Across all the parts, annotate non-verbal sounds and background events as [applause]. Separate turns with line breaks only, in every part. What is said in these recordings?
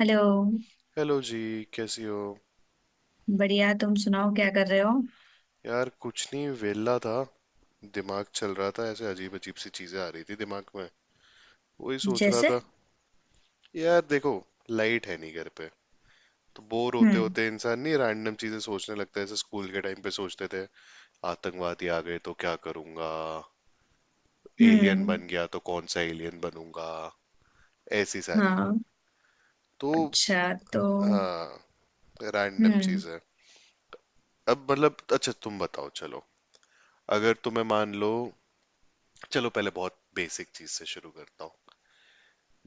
Hello.
Hello जी। कैसी हो?
बढ़िया। तुम सुनाओ क्या कर रहे हो?
यार कुछ नहीं, वेला था। दिमाग चल रहा था, ऐसे अजीब अजीब सी चीजें आ रही थी दिमाग में। वही सोच रहा
जैसे?
था। यार देखो, लाइट है नहीं घर पे, तो बोर होते
हम्म।
होते इंसान नहीं रैंडम चीजें सोचने लगता है, जैसे स्कूल के टाइम पे सोचते थे। आतंकवादी आ गए तो क्या करूंगा, एलियन
हम्म।
बन गया तो कौन सा एलियन बनूंगा, ऐसी सारी।
हाँ।
तो
अच्छा तो।
हाँ, रैंडम
हम्म।
चीज है। अब मतलब अच्छा तुम बताओ, चलो। अगर तुम्हें मान लो, चलो पहले बहुत बेसिक चीज से शुरू करता हूँ।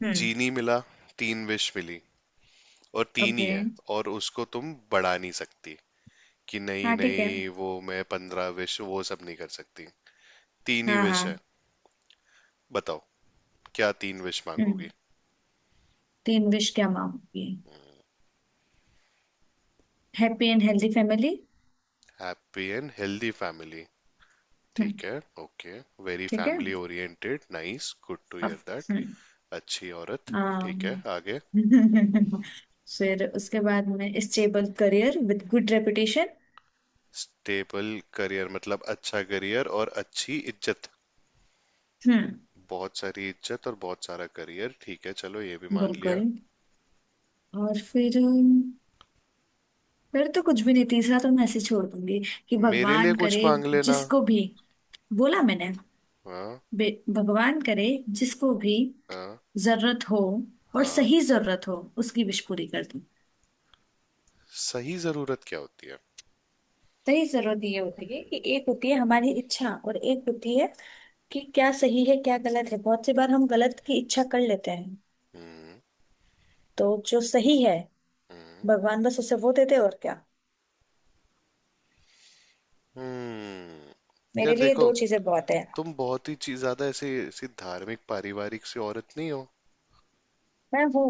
हम्म।
जीनी मिला, तीन विश मिली, और तीन ही
ओके।
है, और उसको तुम बढ़ा नहीं सकती कि नहीं
हाँ, ठीक है।
नहीं वो मैं 15 विश वो सब नहीं कर सकती। तीन ही
हाँ,
विश है।
हाँ।
बताओ, क्या तीन विश
हम्म।
मांगोगी?
तीन विश क्या मांगोगी? Happy and healthy family.
Happy and healthy family.
हम्म।
ठीक है, ओके। वेरी
ठीक है।
Family oriented, nice, good to
अब।
Hear that.
हम्म।
अच्छी औरत। ठीक है,
आम,
आगे।
[laughs] फिर उसके बाद में stable career with good reputation.
Stable career मतलब अच्छा करियर और अच्छी इज्जत।
हम्म।
बहुत सारी इज्जत और बहुत सारा करियर, ठीक है, चलो ये भी मान लिया।
बिल्कुल। और फिर। फिर तो कुछ भी नहीं, तीसरा तो मैं ऐसे ही छोड़ दूंगी कि
मेरे लिए
भगवान
कुछ
करे
मांग लेना।
जिसको भी। बोला मैंने।
हाँ।
भगवान करे जिसको भी
हाँ।
जरूरत हो और
हाँ।
सही जरूरत हो उसकी विश पूरी कर दूं।
सही जरूरत क्या होती है?
सही जरूरत ये होती है कि एक होती है हमारी इच्छा और एक होती है कि क्या सही है क्या गलत है, बहुत सी बार हम गलत की इच्छा कर लेते हैं।
हम्म।
तो जो सही है
हम्म।
भगवान बस उसे वो देते, और क्या।
हम्म।
मेरे
यार
लिए
देखो,
दो चीजें बहुत है।
तुम बहुत ही चीज ज्यादा ऐसे ऐसी धार्मिक पारिवारिक सी औरत नहीं हो।
मैं हूँ।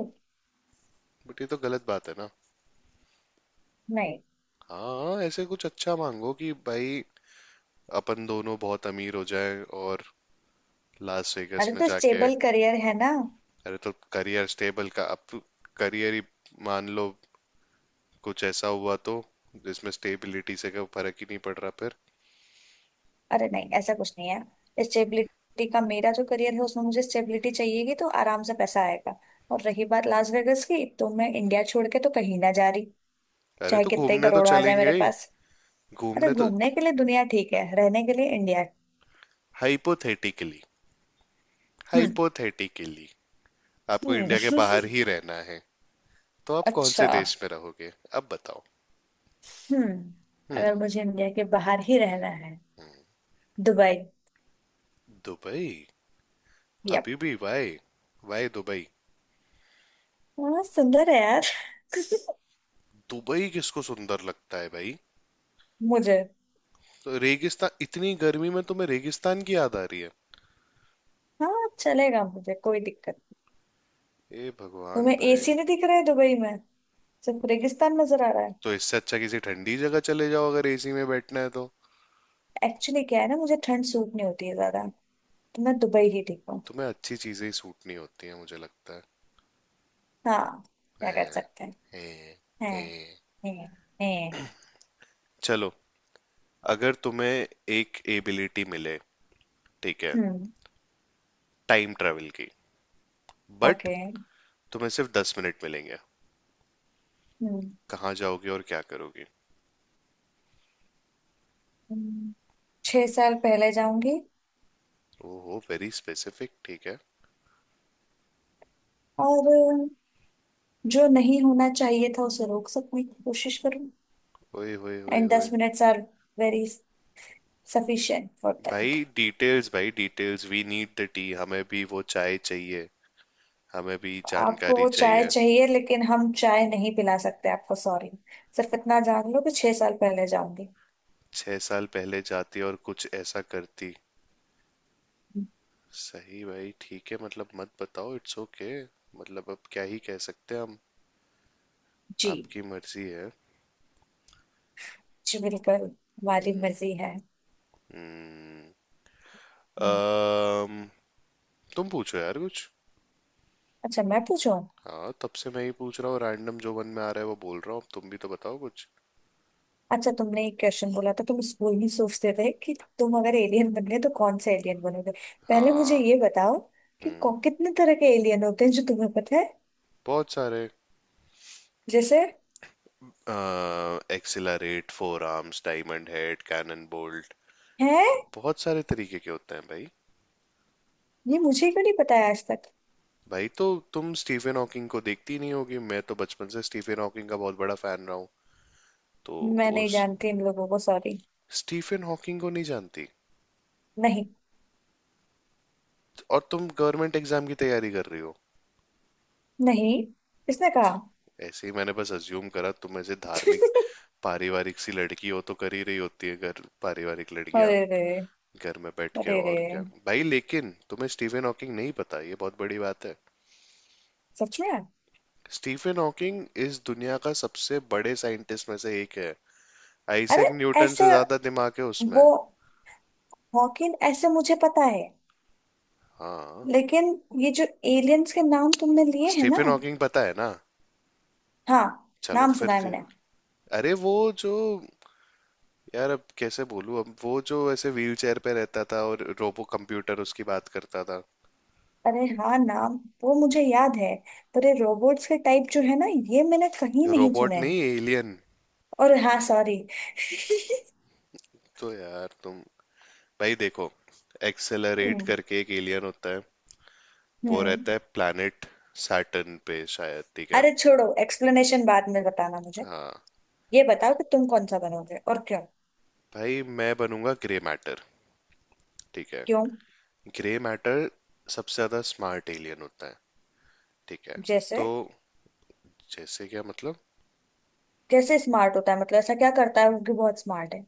बट ये तो गलत बात है ना।
नहीं।
हाँ ऐसे कुछ अच्छा मांगो कि भाई, अपन दोनों बहुत अमीर हो जाए और लास वेगास
अरे
में
तो
जाके।
स्टेबल करियर है ना।
अरे तो करियर स्टेबल का अब, करियर ही, मान लो कुछ ऐसा हुआ तो, जिसमें स्टेबिलिटी से कोई फर्क ही नहीं पड़ रहा फिर।
अरे नहीं, ऐसा कुछ नहीं है स्टेबिलिटी का, मेरा जो करियर है उसमें मुझे स्टेबिलिटी चाहिएगी तो आराम से पैसा आएगा। और रही बात लास वेगस की, तो मैं इंडिया छोड़ के तो कहीं ना जा रही।
अरे
चाहे
तो
कितने ही
घूमने तो
करोड़ आ जाए
चलेंगे
मेरे
ही।
पास। अरे
घूमने तो।
घूमने के लिए दुनिया ठीक है, रहने के लिए इंडिया है।
हाइपोथेटिकली,
हम्म।
हाइपोथेटिकली, आपको
हम्म।
इंडिया के बाहर ही रहना है, तो
[laughs]
आप कौन से
अच्छा।
देश में रहोगे, अब बताओ।
हम्म।
हम्म।
अगर मुझे इंडिया के बाहर ही रहना है। दुबई।
दुबई?
यप।
हबीबी वाई, वाई दुबई?
हाँ, सुंदर है यार। [laughs]
दुबई किसको सुंदर लगता है भाई?
मुझे।
तो रेगिस्तान, इतनी गर्मी में तुम्हें रेगिस्तान की याद आ रही है?
हाँ, चलेगा मुझे, कोई दिक्कत।
ए भगवान
तुम्हें
भाई।
एसी नहीं दिख रहा है दुबई में? सिर्फ रेगिस्तान नजर आ रहा है?
तो इससे अच्छा किसी ठंडी जगह चले जाओ, अगर एसी में बैठना है तो।
एक्चुअली क्या है ना, मुझे ठंड सूट नहीं होती है ज्यादा। तो मैं दुबई ही ठीक हूँ।
तुम्हें अच्छी चीजें ही सूट नहीं होती है मुझे लगता है।
हाँ। क्या कर
हैं,
सकते हैं।
हैं,
हैं।
हैं।
हैं। हैं।
चलो, अगर तुम्हें एक एबिलिटी मिले, ठीक है,
हम्म।
टाइम ट्रेवल की, बट
ओके।
तुम्हें सिर्फ 10 मिनट मिलेंगे,
हम्म।
कहाँ जाओगे और क्या करोगे?
हम्म। 6 साल पहले जाऊंगी।
ओहो, वेरी स्पेसिफिक, ठीक है।
और जो नहीं होना चाहिए था उसे रोक सकने की कोशिश करूँ।
ओए होए होए
एंड
होए।
10 minutes are very sufficient for
भाई
दैट।
डिटेल्स, भाई details, we need the tea, हमें भी वो चाय चाहिए, हमें भी
आपको
जानकारी
वो चाय
चाहिए।
चाहिए लेकिन हम चाय नहीं पिला सकते आपको, सॉरी। सिर्फ इतना जान लो कि 6 साल पहले जाऊंगी।
6 साल पहले जाती और कुछ ऐसा करती। सही भाई, ठीक है, मतलब मत बताओ, इट्स ओके। मतलब अब क्या ही कह सकते हैं हम।
जी।
आपकी मर्जी है।
जी, बिल्कुल। हमारी मर्जी है।
हम्म,
हम्म।
अम, तुम पूछो यार कुछ।
अच्छा, मैं पूछूं?
हाँ तब से मैं ही पूछ रहा हूँ, रैंडम जो मन में आ रहा है वो बोल रहा हूँ, अब तुम भी तो बताओ कुछ।
अच्छा, तुमने एक क्वेश्चन बोला था तुम स्कूल में सोचते थे कि तुम अगर एलियन बनने तो कौन से एलियन बनोगे। पहले मुझे
हाँ।
ये बताओ कि
हम्म,
कितने तरह के एलियन होते हैं जो तुम्हें पता है।
बहुत सारे।
जैसे?
Accelerate, Four Arms, Diamondhead, Cannonbolt.
हैं?
बहुत सारे तरीके के होते हैं भाई।
ये मुझे क्यों नहीं पता है आज तक।
भाई तो, तुम स्टीफन हॉकिंग को देखती नहीं होगी, मैं तो बचपन से स्टीफन हॉकिंग का बहुत बड़ा फैन रहा हूँ। तो
मैं नहीं
उस,
जानती इन लोगों को, सॉरी।
स्टीफन हॉकिंग को नहीं जानती?
नहीं।
और तुम गवर्नमेंट एग्जाम की तैयारी कर रही हो?
नहीं, किसने कहा?
ऐसे ही मैंने बस अज्यूम करा, तुम ऐसे धार्मिक
[laughs]
पारिवारिक सी लड़की हो तो कर ही रही होती है घर, पारिवारिक लड़कियां
अरे रे।
घर में बैठ के
अरे रे।
और क्या। भाई लेकिन तुम्हें स्टीफन हॉकिंग नहीं पता, ये बहुत बड़ी बात है।
सच में?
स्टीफन हॉकिंग इस दुनिया का सबसे बड़े साइंटिस्ट में से एक है, आइजैक
अरे,
न्यूटन से
ऐसे
ज्यादा दिमाग है
वो
उसमें।
हॉकिन ऐसे मुझे पता है।
हाँ,
लेकिन ये जो एलियंस के नाम तुमने लिए हैं ना।
स्टीफन हॉकिंग पता है ना?
हाँ।
चलो
नाम सुना
फिर।
है मैंने।
अरे वो जो, यार अब कैसे बोलूं, अब वो जो ऐसे व्हील चेयर पे रहता था और रोबो कंप्यूटर उसकी बात करता था।
अरे हाँ, नाम वो मुझे याद है। पर ये रोबोट्स के टाइप जो है ना, ये मैंने कहीं नहीं
रोबोट
सुने हैं।
नहीं, एलियन।
और हाँ, सॉरी।
तो यार तुम, भाई देखो, एक्सेलरेट
हम्म।
करके एक एलियन होता है, वो
हम्म।
रहता है प्लैनेट सैटर्न पे शायद, ठीक है।
अरे छोड़ो, एक्सप्लेनेशन बाद में बताना मुझे।
हाँ
ये बताओ कि तुम कौन सा बनोगे और क्यों।
भाई, मैं बनूंगा ग्रे मैटर, ठीक है।
क्यों?
ग्रे मैटर सबसे ज्यादा स्मार्ट एलियन होता है, ठीक है।
जैसे?
तो जैसे क्या मतलब?
कैसे स्मार्ट होता है, मतलब ऐसा क्या करता है वो कि बहुत स्मार्ट है।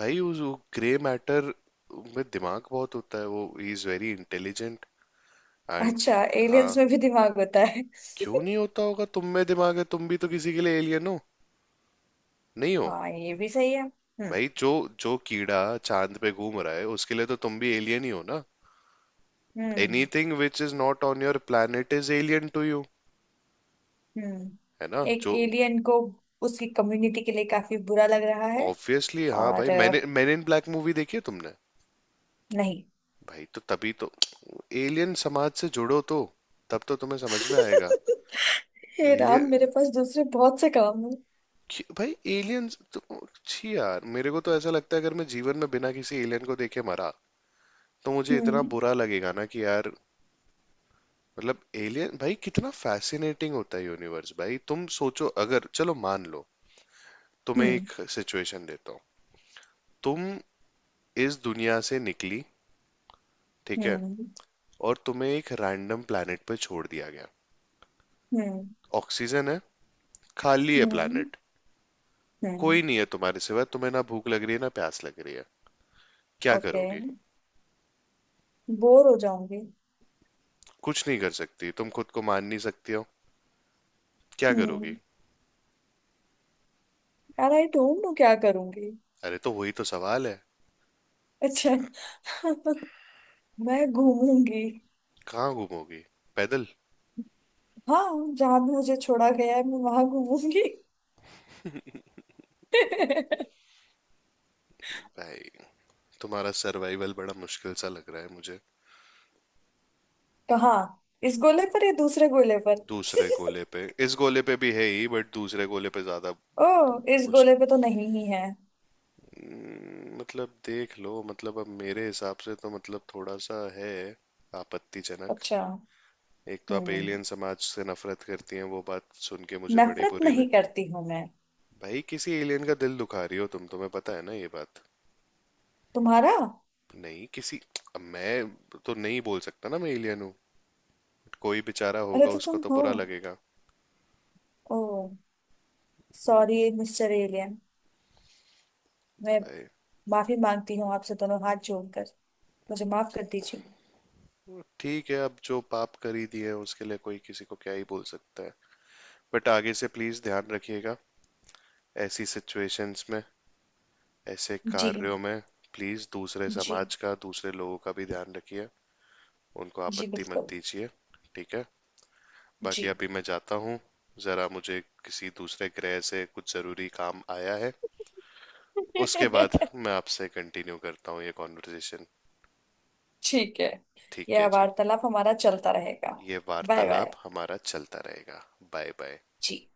भाई उस ग्रे मैटर में दिमाग बहुत होता है, वो ही इज वेरी इंटेलिजेंट एंड।
अच्छा?
हाँ
एलियंस में भी दिमाग होता है?
क्यों
[laughs]
नहीं होता होगा, तुम में दिमाग है, तुम भी तो किसी के लिए एलियन हो, नहीं हो?
हाँ, ये भी सही है। हम्म।
भाई जो जो कीड़ा चांद पे घूम रहा है उसके लिए तो तुम भी एलियन ही हो ना।
Hmm.
Anything which is not on your planet is alien to you. है ना
हम्म। एक
जो,
एलियन को उसकी कम्युनिटी के लिए काफी बुरा लग रहा है।
ऑब्वियसली हाँ
और
भाई, मैंने मैन इन ब्लैक मूवी देखी है, तुमने?
नहीं।
भाई तो तभी तो एलियन समाज से जुड़ो तो, तब तो तुम्हें समझ में आएगा।
[laughs] हे राम,
एलियन
मेरे पास दूसरे बहुत से काम है।
भाई, एलियंस तो, छी यार, मेरे को तो ऐसा लगता है अगर मैं जीवन में बिना किसी एलियन को देखे मरा तो मुझे इतना
हम्म।
बुरा लगेगा ना कि यार। मतलब एलियन भाई कितना फैसिनेटिंग होता है यूनिवर्स भाई, तुम सोचो, अगर चलो मान लो, तुम्हें
हम्म।
एक सिचुएशन देता हूँ, तुम इस दुनिया से निकली, ठीक है,
हम्म।
और तुम्हें एक रैंडम प्लेनेट पे छोड़ दिया गया,
हम्म।
ऑक्सीजन है, खाली है
हम्म।
प्लेनेट,
हम्म।
कोई नहीं है तुम्हारे सिवा, तुम्हें ना भूख लग रही है ना प्यास लग रही है, क्या
ओके।
करोगे?
बोर हो जाऊंगी।
कुछ नहीं कर सकती, तुम खुद को मान नहीं सकती हो, क्या करोगी?
हम्म। यार, आई डोंट नो क्या करूंगी।
अरे तो वही तो सवाल है।
अच्छा। [laughs] मैं घूमूंगी।
कहाँ घूमोगी, पैदल?
हाँ। जहां भी मुझे छोड़ा गया है मैं वहां घूमूंगी। [laughs]
भाई तुम्हारा सर्वाइवल बड़ा मुश्किल सा लग रहा है मुझे।
कहाँ, इस गोले पर या दूसरे गोले पर?
दूसरे गोले
[laughs]
पे, इस गोले पे भी है ही, बट दूसरे गोले पे ज्यादा।
ओह, इस
मुश्क।
गोले पे तो नहीं ही है।
मतलब देख लो, मतलब अब मेरे हिसाब से तो मतलब थोड़ा सा है आपत्तिजनक।
अच्छा।
एक तो आप
हम्म।
एलियन समाज से नफरत करती हैं, वो बात सुन के मुझे बड़ी
नफरत
बुरी लग।
नहीं करती हूं मैं।
भाई किसी एलियन का दिल दुखा रही हो तुम, तुम्हें पता है ना ये बात?
तुम्हारा।
नहीं किसी, अब मैं तो नहीं बोल सकता ना मैं एलियन हूँ, कोई बेचारा
अरे
होगा
तो
उसको
तुम
तो
हो?
बुरा लगेगा
ओह। Sorry mister alien. मैं
भाई।
माफी मांगती हूँ आपसे दोनों हाथ जोड़कर। मुझे माफ कर दीजिए।
वो ठीक है, अब जो पाप करी दिए उसके लिए कोई किसी को क्या ही बोल सकता है, बट आगे से प्लीज ध्यान रखिएगा, ऐसी सिचुएशंस में, ऐसे
जी।
कार्यों में, प्लीज दूसरे
जी।
समाज का, दूसरे लोगों का भी ध्यान रखिए, उनको
जी,
आपत्ति मत
बिल्कुल।
दीजिए, ठीक है?
जी।
बाकी अभी मैं जाता हूँ, जरा मुझे किसी दूसरे ग्रह से कुछ जरूरी काम आया है, उसके बाद
[laughs]
मैं आपसे कंटिन्यू करता हूँ ये कॉन्वर्सेशन।
ठीक है।
ठीक है
यह
जी,
वार्तालाप हमारा चलता रहेगा।
ये
बाय,
वार्तालाप
बाय।
हमारा चलता रहेगा। Bye bye.
जी।